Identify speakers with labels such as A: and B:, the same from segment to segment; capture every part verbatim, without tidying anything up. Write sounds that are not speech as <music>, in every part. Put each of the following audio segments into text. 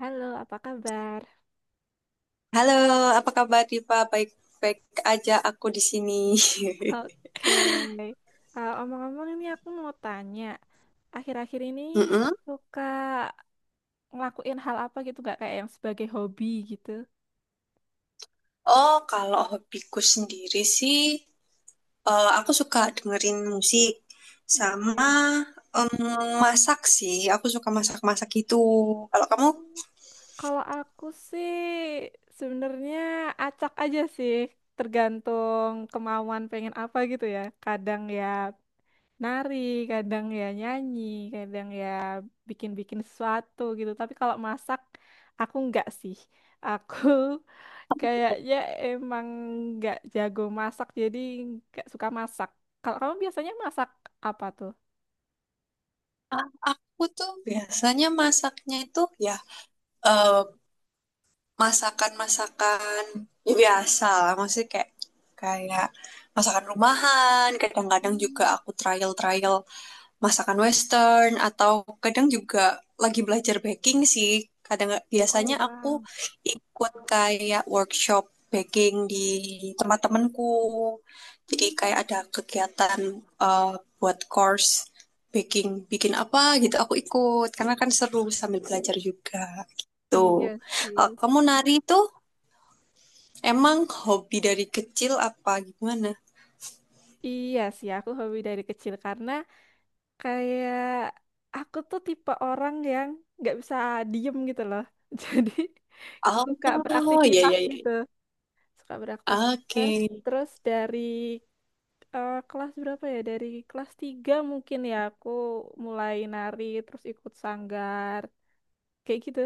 A: Halo, apa kabar?
B: Halo, apa kabar Diva? Baik-baik aja aku di sini.
A: Oke. Eh, Omong-omong ini aku mau tanya, akhir-akhir ini
B: <laughs> mm
A: suka ngelakuin hal apa gitu gak kayak yang sebagai hobi gitu?
B: Oh, kalau hobiku sendiri sih, eh, aku suka dengerin musik sama
A: Oke.
B: em, masak sih. Aku suka masak-masak gitu. Kalau kamu,
A: Oh, kalau aku sih sebenarnya acak aja sih, tergantung kemauan pengen apa gitu ya. Kadang ya nari, kadang ya nyanyi, kadang ya bikin-bikin sesuatu gitu. Tapi kalau masak aku enggak sih. Aku <laughs> kayaknya emang nggak jago masak, jadi nggak suka masak. Kalau kamu biasanya masak apa tuh?
B: aku tuh biasanya masaknya itu ya eh, masakan-masakan ya biasa lah. Maksudnya kayak kayak masakan rumahan. Kadang-kadang
A: Hmm.
B: juga aku trial-trial masakan western atau kadang juga lagi belajar baking sih. Kadang biasanya
A: Oh,
B: aku
A: wow.
B: ikut kayak workshop baking di tempat temanku. Jadi kayak
A: Hmm.
B: ada kegiatan eh, buat course baking, bikin apa gitu aku ikut karena kan seru sambil belajar juga
A: Iya
B: gitu. Kalau
A: sih.
B: kamu nari itu emang hobi dari kecil apa gimana?
A: Iya sih, aku hobi dari kecil karena kayak aku tuh tipe orang yang nggak bisa diem gitu loh. <laughs> Jadi suka
B: Oh, iya
A: beraktivitas
B: iya iya.
A: gitu. Suka
B: Oke.
A: beraktivitas. Terus dari eh, kelas berapa ya? Dari kelas tiga mungkin ya aku mulai nari terus ikut sanggar kayak gitu.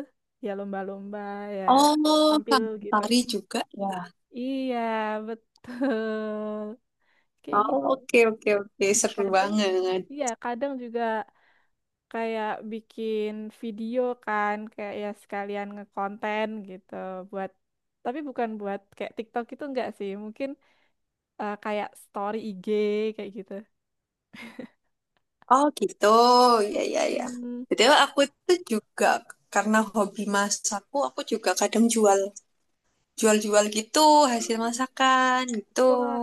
A: Ya lomba-lomba ya
B: Oh,
A: tampil
B: sama
A: gitu.
B: tari juga ya.
A: Iya, betul. Kayak
B: Oh,
A: gitu.
B: oke, oke, oke.
A: Mm,
B: Seru
A: kadang
B: banget.
A: iya, kadang juga kayak bikin video kan kayak ya sekalian ngekonten gitu buat tapi bukan buat kayak TikTok itu enggak sih. Mungkin eh, kayak story I G kayak gitu.
B: Oh, gitu. Ya, ya, ya.
A: Hmm.
B: Betul, aku itu juga karena hobi masakku, aku juga kadang jual jual-jual gitu hasil masakan gitu.
A: Wah,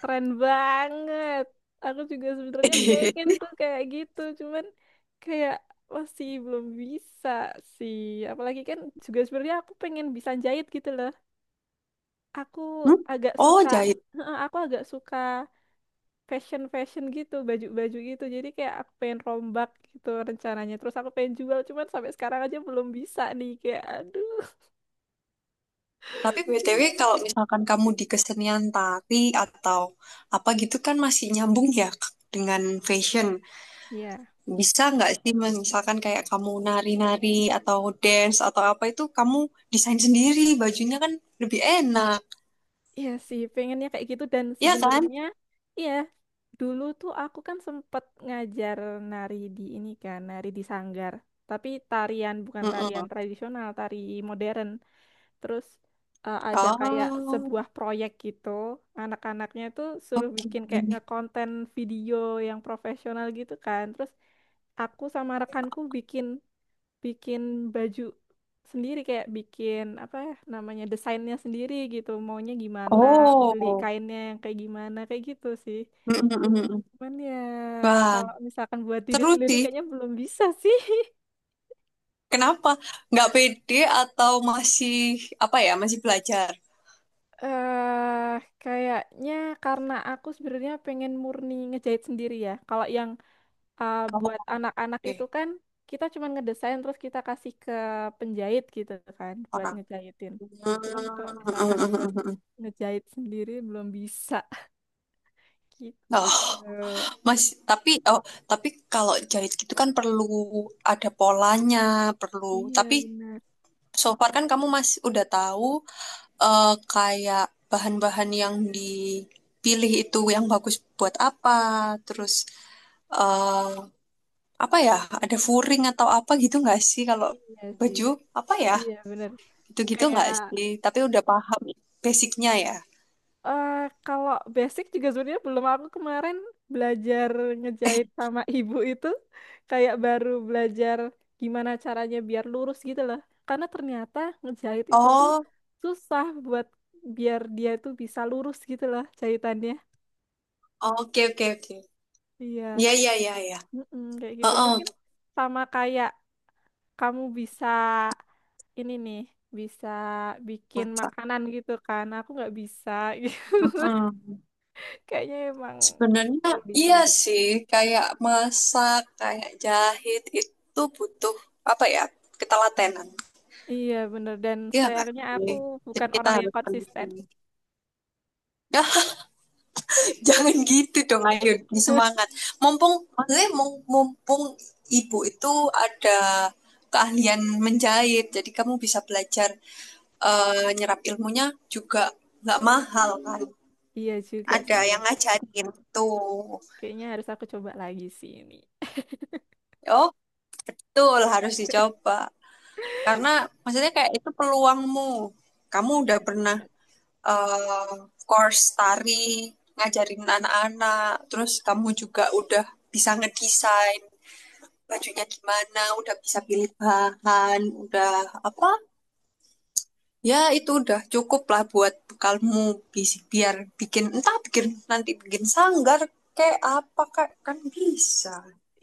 A: keren banget. Aku juga sebenarnya pengen
B: <laughs>
A: tuh kayak gitu, cuman kayak masih belum bisa sih. Apalagi kan juga sebenarnya aku pengen bisa jahit gitu loh. Aku
B: Hmm?
A: agak
B: Oh,
A: suka.
B: jahit.
A: Heeh, aku agak suka fashion-fashion gitu, baju-baju gitu. Jadi kayak aku pengen rombak gitu rencananya. Terus aku pengen jual, cuman sampai sekarang aja belum bisa nih. Kayak aduh.
B: Tapi B T W kalau misalkan kamu di kesenian tari atau apa gitu kan masih nyambung ya dengan fashion.
A: <laughs> Ya.
B: Bisa nggak sih, Mas? Misalkan kayak kamu nari-nari atau dance atau apa itu kamu desain sendiri, bajunya kan lebih enak,
A: Iya sih, pengennya kayak gitu dan
B: ya kan?
A: sebenarnya iya dulu tuh aku kan sempet ngajar nari di ini kan, nari di sanggar. Tapi tarian bukan tarian
B: Mm-mm.
A: tradisional, tari modern. Terus eh, ada kayak
B: Oh,
A: sebuah proyek gitu, anak-anaknya tuh suruh
B: oke.
A: bikin kayak ngekonten video yang profesional gitu kan. Terus aku sama rekanku bikin bikin baju sendiri kayak bikin apa ya namanya desainnya sendiri gitu maunya gimana beli
B: Oh,
A: kainnya yang kayak gimana kayak gitu sih
B: Mm-mm-mm.
A: cuman ya
B: Wah,
A: kalau misalkan buat diri
B: seru
A: sendiri
B: sih.
A: kayaknya belum bisa sih <laughs>
B: Kenapa? Nggak pede atau masih apa ya? Masih belajar?
A: eh kayaknya karena aku sebenarnya pengen murni ngejahit sendiri ya kalau yang uh, buat anak-anak itu
B: Oke,
A: kan kita cuma ngedesain terus kita kasih ke penjahit gitu kan buat
B: orang.
A: ngejahitin.
B: Hmm,
A: Cuman kalau misalkan buat
B: Mm-mm.
A: ngejahit sendiri belum bisa <laughs> gitu.
B: Oh, Mas, tapi oh, tapi kalau jahit gitu kan perlu ada polanya, perlu.
A: Iya
B: Tapi
A: benar.
B: so far kan kamu masih udah tahu eh, kayak bahan-bahan yang dipilih itu yang bagus buat apa, terus eh, apa ya? Ada furing atau apa gitu nggak sih kalau
A: Iya sih.
B: baju apa ya?
A: Iya benar.
B: Gitu-gitu
A: Kayak
B: nggak sih? Tapi udah paham basicnya ya.
A: Eh, kalau basic juga sebenarnya belum aku kemarin belajar ngejahit sama <laughs> ibu itu kayak baru belajar gimana caranya biar lurus gitu loh. Karena ternyata ngejahit itu tuh
B: Oh,
A: susah buat biar dia tuh bisa lurus gitu loh jahitannya.
B: oke oke oke.
A: Iya,
B: Ya ya ya ya.
A: mm-mm, kayak gitu
B: Heeh,
A: mungkin sama kayak kamu bisa ini nih bisa bikin
B: masak.
A: makanan gitu kan. Aku nggak bisa. <laughs>
B: Heeh.
A: Kayaknya emang
B: Sebenarnya
A: perlu
B: iya
A: dicoba.
B: sih, kayak masak, kayak jahit itu butuh apa ya? Ketelatenan.
A: Iya, bener. Dan
B: Iya enggak?
A: sayangnya aku
B: Jadi
A: bukan
B: kita
A: orang yang konsisten.
B: ya, <laughs> jangan gitu dong, ayo
A: <laughs>
B: semangat. Mumpung maksudnya mum- mumpung ibu itu ada keahlian menjahit, jadi kamu bisa belajar eh, nyerap ilmunya juga nggak mahal kan.
A: Iya juga
B: Ada
A: sih ya.
B: yang ngajarin tuh.
A: Kayaknya harus aku coba lagi sih ini.
B: Oh, betul harus dicoba. Karena maksudnya kayak itu peluangmu. Kamu udah
A: Iya sih,
B: pernah
A: bener.
B: eh, course tari, ngajarin anak-anak, terus kamu juga udah bisa ngedesain bajunya gimana, udah bisa pilih bahan, udah apa? Ya itu udah cukup lah buat bekalmu bis- biar bikin entah bikin nanti bikin sanggar kayak apa kak kan bisa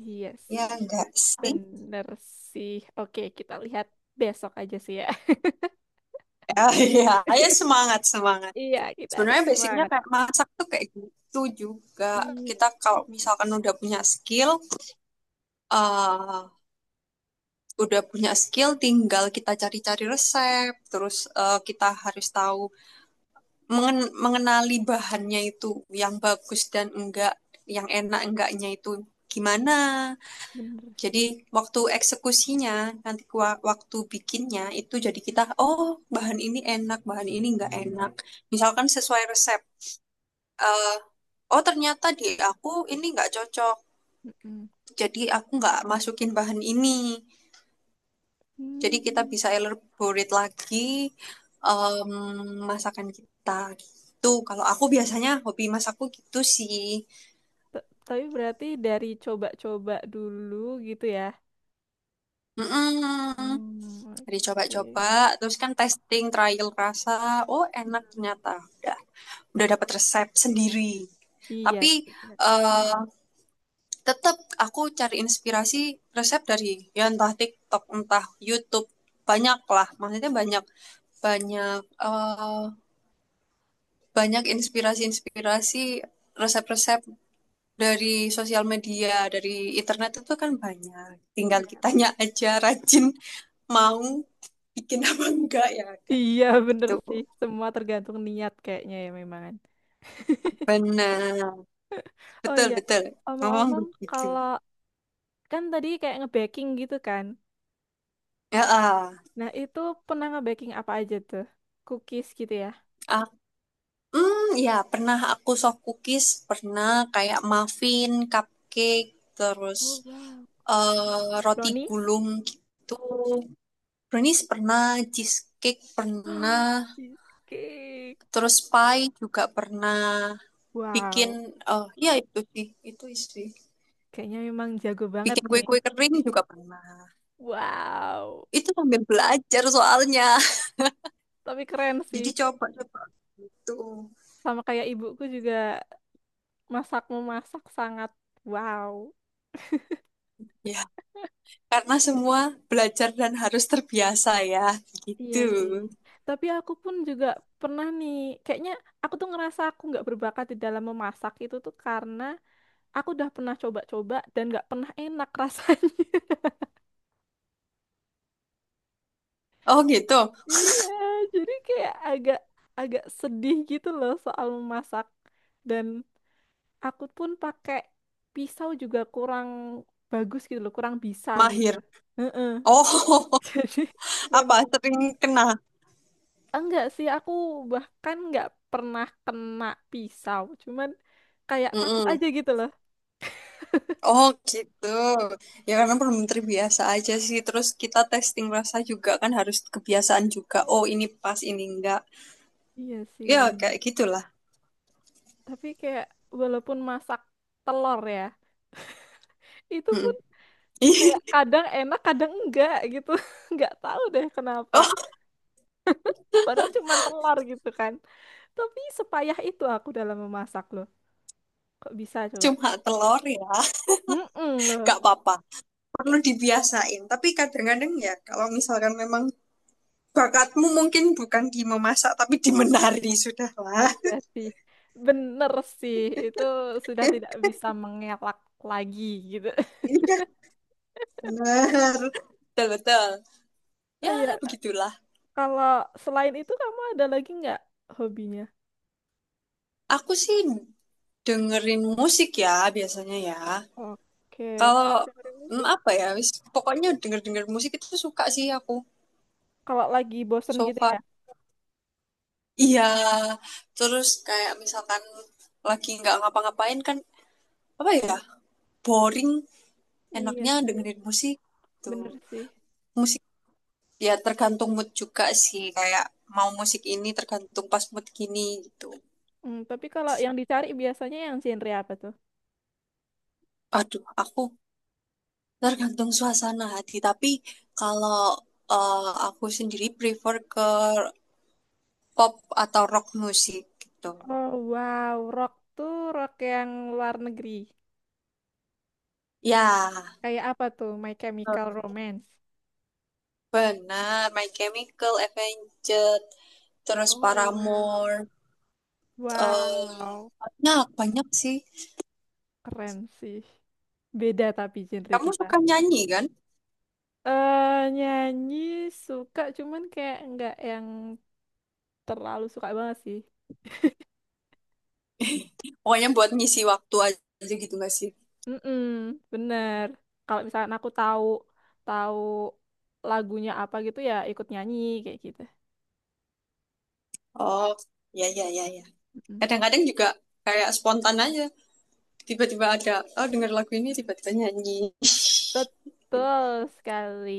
A: Iya
B: ya
A: sih.
B: enggak sih.
A: Bener sih. Oke, kita lihat besok aja sih ya. <laughs>
B: <laughs> Ya ya ayo semangat semangat.
A: Iya, kita harus
B: Sebenarnya basicnya
A: semangat.
B: kayak masak tuh kayak gitu juga.
A: Iya
B: Kita
A: sih.
B: kalau
A: Bener
B: misalkan udah punya skill, eh udah punya skill, tinggal kita cari-cari resep. Terus eh, kita harus tahu mengen- mengenali bahannya itu yang bagus dan enggak, yang enak enggaknya itu gimana.
A: Bener
B: Jadi
A: sih.
B: waktu eksekusinya nanti wa- waktu bikinnya itu jadi kita oh bahan ini enak, bahan ini enggak enak. Misalkan sesuai resep. Eh, oh ternyata di aku ini nggak cocok.
A: Mm-mm.
B: Jadi aku nggak masukin bahan ini. Jadi kita
A: Hmm.
B: bisa elaborate lagi em, masakan kita gitu. Kalau aku biasanya hobi masakku gitu sih.
A: T- Tapi berarti dari coba-coba dulu gitu ya.
B: Mm-mm.
A: Hmm,
B: Jadi
A: oke.
B: coba-coba, terus kan testing, trial rasa. Oh enak
A: Mm-mm.
B: ternyata. Udah, udah dapat resep
A: Oke.
B: sendiri.
A: Iya
B: Tapi
A: sih, bener.
B: eh, tetap aku cari inspirasi resep dari ya entah TikTok, entah YouTube, banyak lah. Maksudnya banyak banyak eh, banyak inspirasi-inspirasi resep-resep dari sosial media, dari internet itu kan banyak. Tinggal
A: Iya,
B: kitanya
A: bener.
B: aja rajin mau bikin apa enggak ya, Kak.
A: Iya, bener
B: Gitu.
A: sih. Semua tergantung niat kayaknya ya memang. Kan.
B: Benar.
A: Oh
B: Betul,
A: iya,
B: betul. Ngomong
A: omong-omong
B: begitu.
A: kalau kan tadi kayak nge-baking gitu kan.
B: Ya,
A: Nah, itu pernah nge-baking apa aja tuh? Cookies gitu ya?
B: ah. Hmm, ya pernah aku soft cookies, pernah kayak muffin, cupcake, terus
A: Oh, wow.
B: eh, roti
A: Brownies?
B: gulung gitu. Brownies pernah, cheesecake
A: <gasps>
B: pernah,
A: Cheesecake.
B: terus pie juga pernah. Bikin,
A: Wow.
B: eh ya itu sih, itu sih.
A: Kayaknya memang jago banget
B: Bikin
A: nih.
B: kue-kue kering juga pernah.
A: Wow.
B: Itu sambil belajar soalnya.
A: Tapi keren
B: <laughs>
A: sih.
B: Jadi coba-coba gitu.
A: Sama kayak ibuku juga masak memasak sangat wow.
B: Ya, karena semua belajar dan harus terbiasa ya,
A: Iya
B: gitu.
A: sih. Tapi aku pun juga pernah nih, kayaknya aku tuh ngerasa aku nggak berbakat di dalam memasak itu tuh karena aku udah pernah coba-coba dan nggak pernah enak rasanya. <laughs>
B: Oh gitu.
A: Iya, jadi kayak agak agak sedih gitu loh soal memasak. Dan aku pun pakai pisau juga kurang bagus gitu loh, kurang bisa gitu.
B: Mahir.
A: Heeh.
B: Oh, <laughs>
A: <laughs> Jadi
B: apa
A: memang
B: sering kena?
A: enggak sih, aku bahkan nggak pernah kena pisau. Cuman kayak takut
B: Mm-mm.
A: aja gitu loh.
B: Oh, gitu. Ya karena belum terbiasa aja sih. Terus kita testing rasa juga kan harus kebiasaan juga. Oh, ini pas, ini enggak.
A: Iya sih,
B: Ya
A: bener.
B: kayak gitulah.
A: Tapi kayak walaupun masak telur ya, itu pun
B: Mm-mm.
A: kayak
B: <laughs>
A: kadang enak, kadang enggak gitu. <laughs> Nggak tahu deh kenapa.
B: Oh,
A: Padahal cuman telur gitu kan. Tapi sepayah itu aku dalam memasak loh. Kok bisa coba?
B: cuma telur ya.
A: Mm loh.
B: Gak apa-apa. Perlu dibiasain. Tapi kadang-kadang ya kalau misalkan memang bakatmu mungkin bukan di memasak tapi di menari sudahlah.
A: Iya sih. Bener sih, itu sudah tidak
B: <laughs>
A: bisa mengelak lagi gitu. <laughs>
B: Iya, benar. Betul, betul. Ya,
A: Iya,
B: begitulah.
A: kalau selain itu kamu ada lagi nggak hobinya?
B: Aku sih dengerin musik ya biasanya ya.
A: Oke, kalau
B: Kalau
A: dengerin
B: hmm,
A: musik,
B: apa ya, wis, pokoknya denger-denger musik itu suka sih aku
A: kalau lagi bosen
B: so
A: gitu
B: far.
A: ya?
B: Iya, terus kayak misalkan lagi nggak ngapa-ngapain kan apa ya, boring,
A: Iya
B: enaknya
A: sih,
B: dengerin musik tuh.
A: bener sih.
B: Musik ya tergantung mood juga sih, kayak mau musik ini tergantung pas mood gini gitu.
A: Hmm, tapi kalau yang dicari biasanya yang genre apa tuh?
B: Aduh, aku tergantung suasana hati, tapi kalau eh, aku sendiri prefer ke pop atau rock musik gitu.
A: Oh wow, rock tuh rock yang luar negeri.
B: Ya,
A: Kayak apa tuh? My Chemical
B: Hmm.
A: Romance.
B: Benar. My Chemical Avenged, terus
A: Oh wow.
B: Paramore, em,
A: Wow,
B: banyak banyak sih.
A: keren sih. Beda tapi genre
B: Kamu
A: kita.
B: suka nyanyi kan?
A: eh nyanyi suka, cuman kayak nggak yang terlalu suka banget sih.
B: Pokoknya buat ngisi waktu aja gitu gak sih?
A: Mm-mm, bener. Kalau misalkan aku tahu tahu lagunya apa gitu ya ikut nyanyi kayak gitu.
B: Oh, ya ya ya ya.
A: Mm-mm.
B: Kadang-kadang juga kayak spontan aja. Tiba-tiba ada, oh denger lagu ini tiba-tiba nyanyi. <laughs>
A: Betul sekali.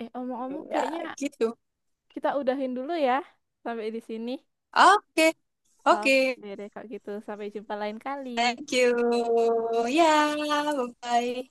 A: Eh omong-omong
B: Ya,
A: kayaknya
B: gitu.
A: kita udahin dulu ya sampai di sini.
B: Oke, oke.
A: Oke deh kalau gitu sampai jumpa lain kali.
B: Thank you. Ya, bye-bye.